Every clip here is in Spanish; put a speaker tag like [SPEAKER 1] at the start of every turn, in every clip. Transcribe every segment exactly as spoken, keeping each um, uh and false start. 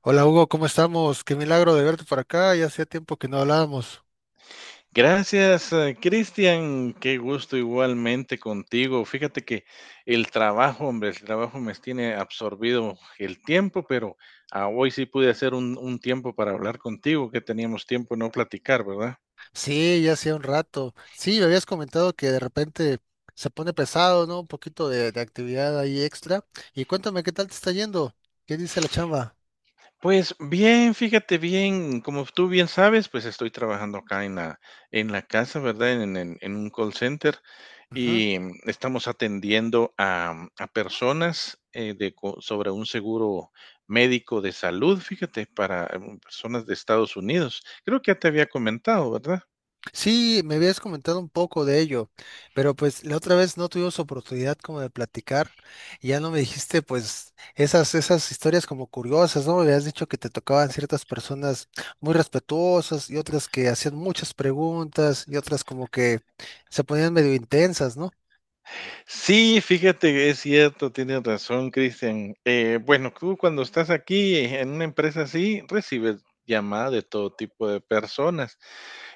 [SPEAKER 1] Hola Hugo, ¿cómo estamos? Qué milagro de verte por acá, ya hacía tiempo que no hablábamos.
[SPEAKER 2] Gracias, eh, Cristian. Qué gusto igualmente contigo. Fíjate que el trabajo, hombre, el trabajo me tiene absorbido el tiempo, pero ah, hoy sí pude hacer un, un tiempo para hablar contigo, que teníamos tiempo de no platicar, ¿verdad?
[SPEAKER 1] Sí, ya hacía un rato. Sí, me habías comentado que de repente se pone pesado, ¿no? Un poquito de, de actividad ahí extra. Y cuéntame, ¿qué tal te está yendo? ¿Qué dice la chamba?
[SPEAKER 2] Pues bien, fíjate bien, como tú bien sabes, pues estoy trabajando acá en la, en la casa, ¿verdad? En, en- en un call center y mm, estamos atendiendo a, a personas eh, de, co- sobre un seguro médico de salud, fíjate, para mm, personas de Estados Unidos. Creo que ya te había comentado, ¿verdad?
[SPEAKER 1] Sí, me habías comentado un poco de ello, pero pues la otra vez no tuvimos oportunidad como de platicar y ya no me dijiste pues esas, esas historias como curiosas, ¿no? Me habías dicho que te tocaban ciertas personas muy respetuosas y otras que hacían muchas preguntas y otras como que se ponían medio intensas, ¿no?
[SPEAKER 2] Sí, fíjate que es cierto, tienes razón, Cristian. Eh, bueno, tú cuando estás aquí en una empresa así, recibes llamadas de todo tipo de personas.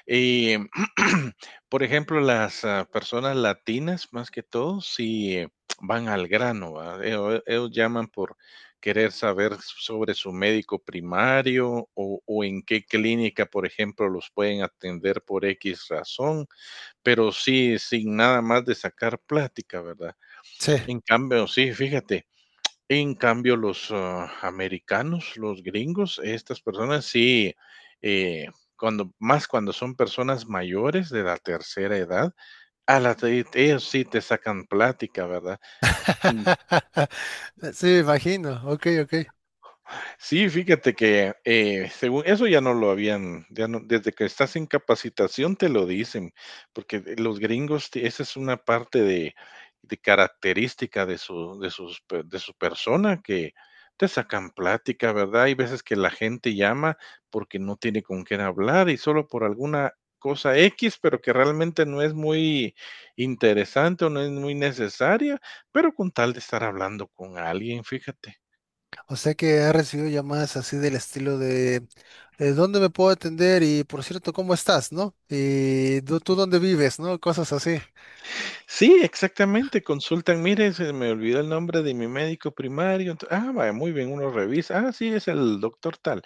[SPEAKER 2] Y, por ejemplo, las ah, personas latinas, más que todo, sí eh, van al grano, ¿va? Ellos, ellos llaman por querer saber sobre su médico primario o, o en qué clínica, por ejemplo, los pueden atender por X razón, pero sí sin nada más de sacar plática, ¿verdad?
[SPEAKER 1] Sí.
[SPEAKER 2] En cambio, sí, fíjate, en cambio los, ah, americanos, los gringos, estas personas sí, eh, cuando más cuando son personas mayores de la tercera edad, a la te ellos sí te sacan plática, ¿verdad?
[SPEAKER 1] Sí, me imagino. Ok, ok.
[SPEAKER 2] Sí, fíjate que eh, según eso ya no lo habían, ya no, desde que estás en capacitación te lo dicen, porque de- los gringos, te- esa es una parte de, de característica de su, de sus, pe- de su persona, que te sacan plática, ¿verdad? Hay veces que la gente llama porque no tiene con quién hablar y solo por alguna cosa X, pero que realmente no es muy interesante o no es muy necesaria, pero con tal de estar hablando con alguien, fíjate.
[SPEAKER 1] O sea que ha recibido llamadas así del estilo de eh, ¿dónde me puedo atender? Y por cierto, ¿cómo estás? ¿No? Y ¿tú, tú dónde vives? ¿No? Cosas así.
[SPEAKER 2] Sí, exactamente, consultan, mire, se me olvidó el nombre de mi médico primario, ento- ah, vaya, muy bien, uno revisa, ah, sí, es el doctor tal.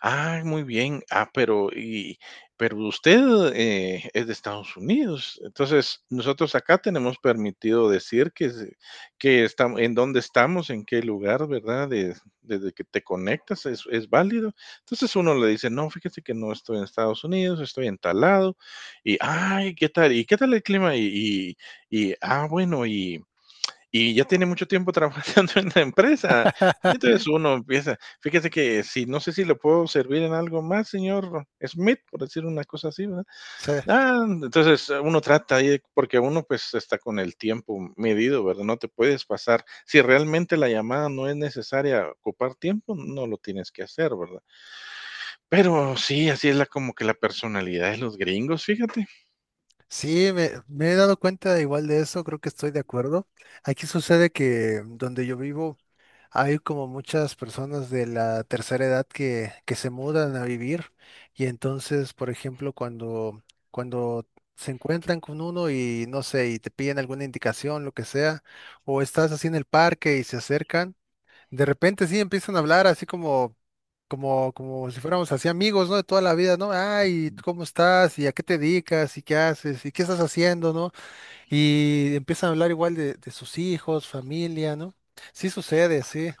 [SPEAKER 2] Ah, muy bien. Ah, pero y pero usted, eh, es de Estados Unidos. Entonces, nosotros acá tenemos permitido decir que se que estamos en dónde estamos, en qué lugar, ¿verdad? De desde que te conectas es es válido. Entonces, uno le dice: "No, fíjese que no estoy en Estados Unidos, estoy en tal lado". Y: "Ay, ¿qué tal? ¿Y qué tal el clima?". Y y y: "Ah, bueno, y y ya tiene mucho tiempo trabajando en la empresa. Y entonces uno empieza, fíjese que si no sé si le puedo servir en algo más, señor Smith, por decir una cosa así, ¿verdad?
[SPEAKER 1] O
[SPEAKER 2] Ah, entonces eh, uno trata ahí, de- porque uno pues está con el tiempo medido, ¿verdad? No te puedes pasar. Si realmente la llamada no es necesaria ocupar tiempo, no lo tienes que hacer, ¿verdad? Pero sí, así es la como que la personalidad de los gringos, fíjate.
[SPEAKER 1] sí, me, me he dado cuenta igual de eso, creo que estoy de acuerdo. Aquí sucede que mm, donde yo vivo. Hay como muchas personas de la tercera edad que, que se mudan a vivir y entonces, por ejemplo, cuando, cuando se encuentran con uno y no sé, y te piden alguna indicación, lo que sea, o estás así en el parque y se acercan, de repente sí empiezan a hablar así como, como, como si fuéramos así amigos, ¿no? De toda la vida, ¿no? Ay, ¿tú ¿cómo estás? ¿Y a qué te dedicas? ¿Y qué haces? ¿Y qué estás haciendo? ¿No? Y empiezan a hablar igual de, de sus hijos, familia, ¿no? Sí sucede, sí.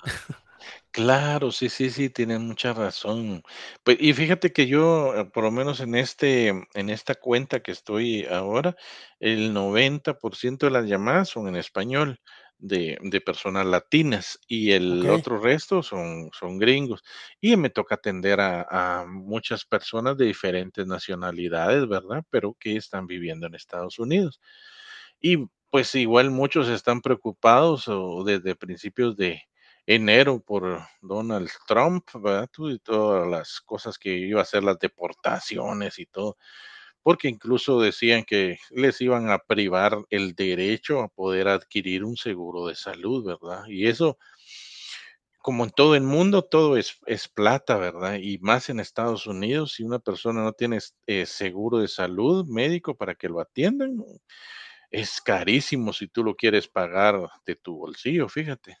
[SPEAKER 2] Claro, sí, sí, sí, tienen mucha razón. Pues, y fíjate que yo, eh, por lo menos en este, mm, en esta cuenta que estoy ahora, el noventa por ciento de las llamadas son en español de, de personas latinas y
[SPEAKER 1] Ok,
[SPEAKER 2] el otro resto son, son gringos. Y me toca atender a, a muchas personas de diferentes nacionalidades, ¿verdad? Pero que están viviendo en Estados Unidos. Y pues igual muchos están preocupados o desde principios de enero por Donald Trump, ¿verdad? Tú Y todas las cosas que iba a hacer, las deportaciones y todo, porque incluso decían que les iban a privar el derecho a poder adquirir un seguro de salud, ¿verdad? Y eso, como en todo el mundo, todo es, es plata, ¿verdad? Y más en Estados Unidos, si una persona no tiene eh, seguro de salud médico para que lo atiendan, es carísimo si tú lo quieres pagar de tu bolsillo, fíjate.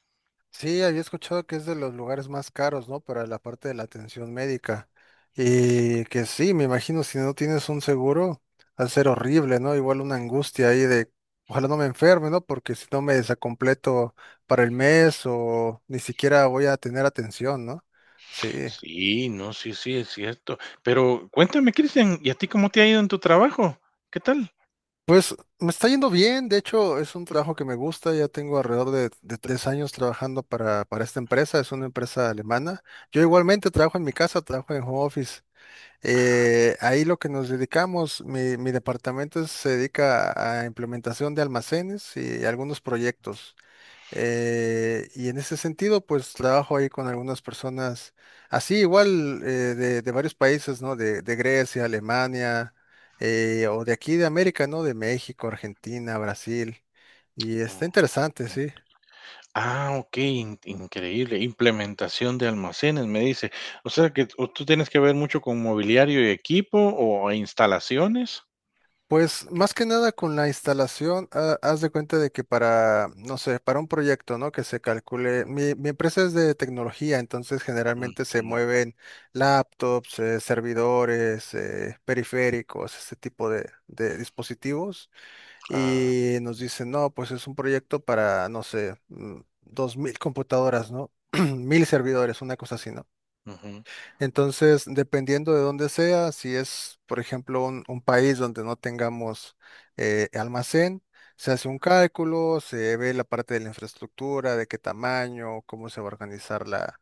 [SPEAKER 1] sí, había escuchado que es de los lugares más caros, ¿no? Para la parte de la atención médica. Y que sí, me imagino, si no tienes un seguro, va a ser horrible, ¿no? Igual una angustia ahí de, ojalá no me enferme, ¿no? Porque si no me desacompleto para el mes o ni siquiera voy a tener atención, ¿no? Sí.
[SPEAKER 2] Sí, no, sí, sí, es cierto. Pero cuéntame, Cristian, ¿y a ti cómo te ha ido en tu trabajo? ¿Qué tal?
[SPEAKER 1] Pues me está yendo bien, de hecho es un trabajo que me gusta, ya tengo alrededor de, de tres años trabajando para, para esta empresa, es una empresa alemana. Yo igualmente trabajo en mi casa, trabajo en home office. Eh, ahí lo que nos dedicamos, mi, mi departamento se dedica a implementación de almacenes y algunos proyectos. Eh, y en ese sentido, pues trabajo ahí con algunas personas, así igual eh, de, de varios países, ¿no? De, de Grecia, Alemania, eh, o de aquí de América, ¿no? De México, Argentina, Brasil. Y está interesante,
[SPEAKER 2] Ujú.
[SPEAKER 1] sí.
[SPEAKER 2] Ah, ok, in- increíble. Implementación de almacenes, me dice. O sea que o tú tienes que ver mucho con mobiliario y equipo o instalaciones.
[SPEAKER 1] Pues más que nada con la instalación, ha- haz de cuenta de que para, no sé, para un proyecto, ¿no? Que se calcule, mi, mi empresa es de tecnología, entonces
[SPEAKER 2] Ujú,
[SPEAKER 1] generalmente se
[SPEAKER 2] ujú.
[SPEAKER 1] mueven laptops, eh, servidores, eh, periféricos, este tipo de, de dispositivos,
[SPEAKER 2] Ah,
[SPEAKER 1] y nos dicen, no, pues es un proyecto para, no sé, mm, dos mil computadoras, ¿no? Mil servidores, una cosa así, ¿no?
[SPEAKER 2] ujú,
[SPEAKER 1] Entonces, dependiendo de dónde sea, si es, por ejemplo, un, un país donde no tengamos eh, almacén, se hace un cálculo, se ve la parte de la infraestructura, de qué tamaño, cómo se va a organizar la,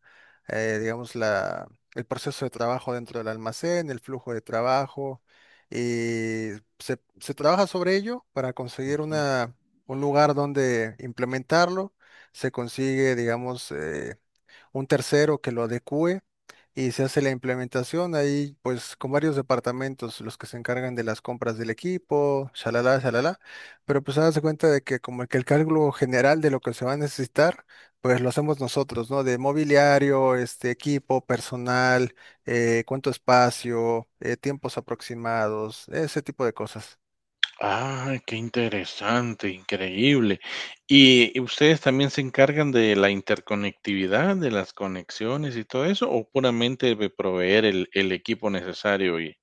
[SPEAKER 1] eh, digamos, la, el proceso de trabajo dentro del almacén, el flujo de trabajo, y se, se trabaja sobre ello para conseguir
[SPEAKER 2] ujú.
[SPEAKER 1] una, un lugar donde implementarlo. Se consigue, digamos, eh, un tercero que lo adecue y se hace la implementación ahí, pues con varios departamentos, los que se encargan de las compras del equipo, shalala, shalala, pero pues se cuenta de que como que el cálculo general de lo que se va a necesitar, pues lo hacemos nosotros, ¿no? De mobiliario, este equipo, personal, eh, cuánto espacio, eh, tiempos aproximados, ese tipo de cosas.
[SPEAKER 2] Ah, qué interesante, increíble. ¿Y ustedes también se encargan de la interconectividad, de las conexiones y todo eso, o puramente de proveer el, el equipo necesario y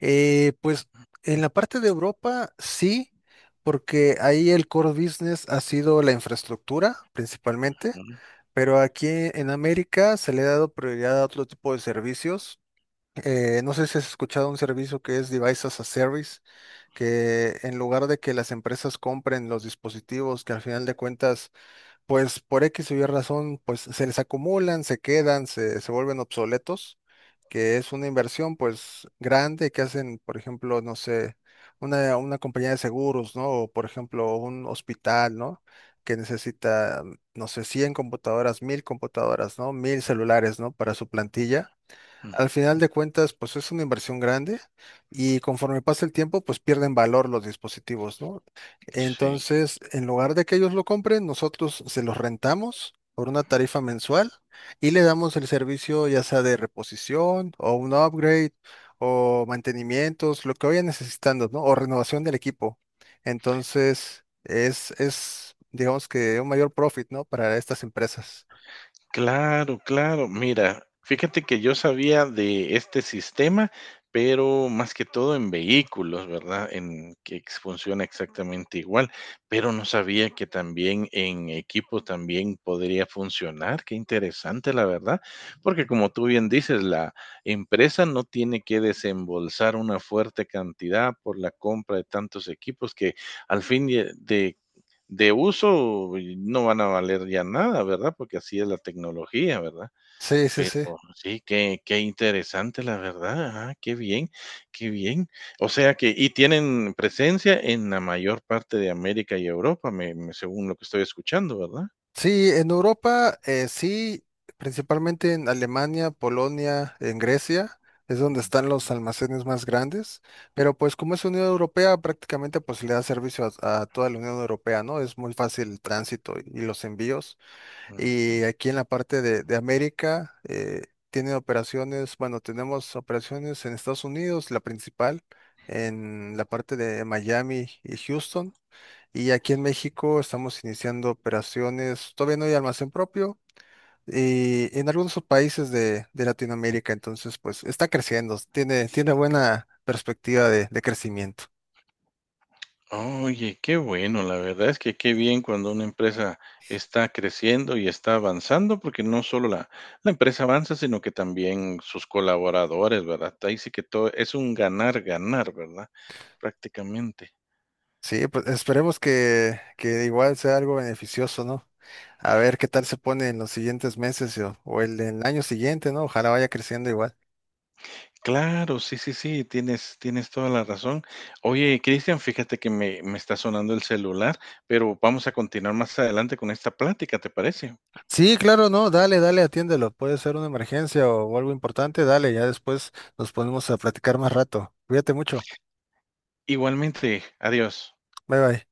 [SPEAKER 1] Eh, pues en la parte de Europa sí, porque ahí el core business ha sido la infraestructura principalmente,
[SPEAKER 2] Ujú,
[SPEAKER 1] pero aquí en América se le ha dado prioridad a otro tipo de servicios. Eh, no sé si has escuchado un servicio que es Device as a Service, que en lugar de que las empresas compren los dispositivos que al final de cuentas pues por X o Y razón, pues se les acumulan, se quedan, se, se vuelven obsoletos, que es una inversión pues grande que hacen, por ejemplo, no sé, una, una compañía de seguros, ¿no? O por ejemplo, un hospital, ¿no? Que necesita, no sé, cien computadoras, mil computadoras, ¿no? Mil celulares, ¿no? Para su plantilla.
[SPEAKER 2] ujú,
[SPEAKER 1] Al final de cuentas, pues es una inversión grande y conforme pasa el tiempo, pues pierden valor los dispositivos, ¿no?
[SPEAKER 2] sí.
[SPEAKER 1] Entonces, en lugar de que ellos lo compren, nosotros se los rentamos por una tarifa mensual y le damos el servicio ya sea de reposición o un upgrade o mantenimientos, lo que vayan necesitando, ¿no? O renovación del equipo. Entonces, es, es, digamos que un mayor profit, ¿no? Para estas empresas.
[SPEAKER 2] Claro, claro. Mira, fíjate que yo sabía de este sistema, pero más que todo en vehículos, ¿verdad? En que ex- funciona exactamente igual, pero no sabía que también en equipo también podría funcionar. Qué interesante, la verdad, porque como tú bien dices, la empresa no tiene que desembolsar una fuerte cantidad por la compra de tantos equipos que al fin y- de de uso no van a valer ya nada, ¿verdad? Porque así es la tecnología, ¿verdad?
[SPEAKER 1] Sí, sí,
[SPEAKER 2] Pero
[SPEAKER 1] sí.
[SPEAKER 2] sí, qué, qué interesante, la verdad. Ajá, qué bien, qué bien. O sea que, y tienen presencia en la mayor parte de América y Europa, me- me- según lo que estoy escuchando, ¿verdad?
[SPEAKER 1] Sí, en Europa, eh, sí, principalmente en Alemania, Polonia, en Grecia, es donde están los almacenes más grandes, pero pues como es Unión Europea, prácticamente pues le da servicio a, a toda la Unión Europea, ¿no? Es muy fácil el tránsito y, y los envíos.
[SPEAKER 2] Ujú.
[SPEAKER 1] Y aquí en la parte de, de América, eh, tiene operaciones, bueno, tenemos operaciones en Estados Unidos, la principal, en la parte de Miami y Houston. Y aquí en México estamos iniciando operaciones, todavía no hay almacén propio, y en algunos países de, de Latinoamérica, entonces pues está creciendo, tiene, tiene buena perspectiva de, de crecimiento.
[SPEAKER 2] Oye, qué bueno, la verdad es que qué bien cuando una empresa está creciendo y está avanzando, porque no solo la, la empresa avanza, sino que también sus colaboradores, ¿verdad? Ahí sí que todo es un ganar, ganar, ¿verdad? Prácticamente.
[SPEAKER 1] Sí, pues esperemos que, que igual sea algo beneficioso, ¿no? A ver qué tal se pone en los siguientes meses o, o el, el año siguiente, ¿no? Ojalá vaya creciendo igual.
[SPEAKER 2] Claro, sí, sí, sí, tienes, tienes toda la razón. Oye, Cristian, fíjate que me, me está sonando el celular, pero vamos a continuar más adelante con esta plática, ¿te parece?
[SPEAKER 1] Sí, claro, no, dale, dale, atiéndelo. Puede ser una emergencia o, o algo importante, dale, ya después nos ponemos a platicar más rato. Cuídate mucho.
[SPEAKER 2] Igualmente, adiós.
[SPEAKER 1] Bye bye.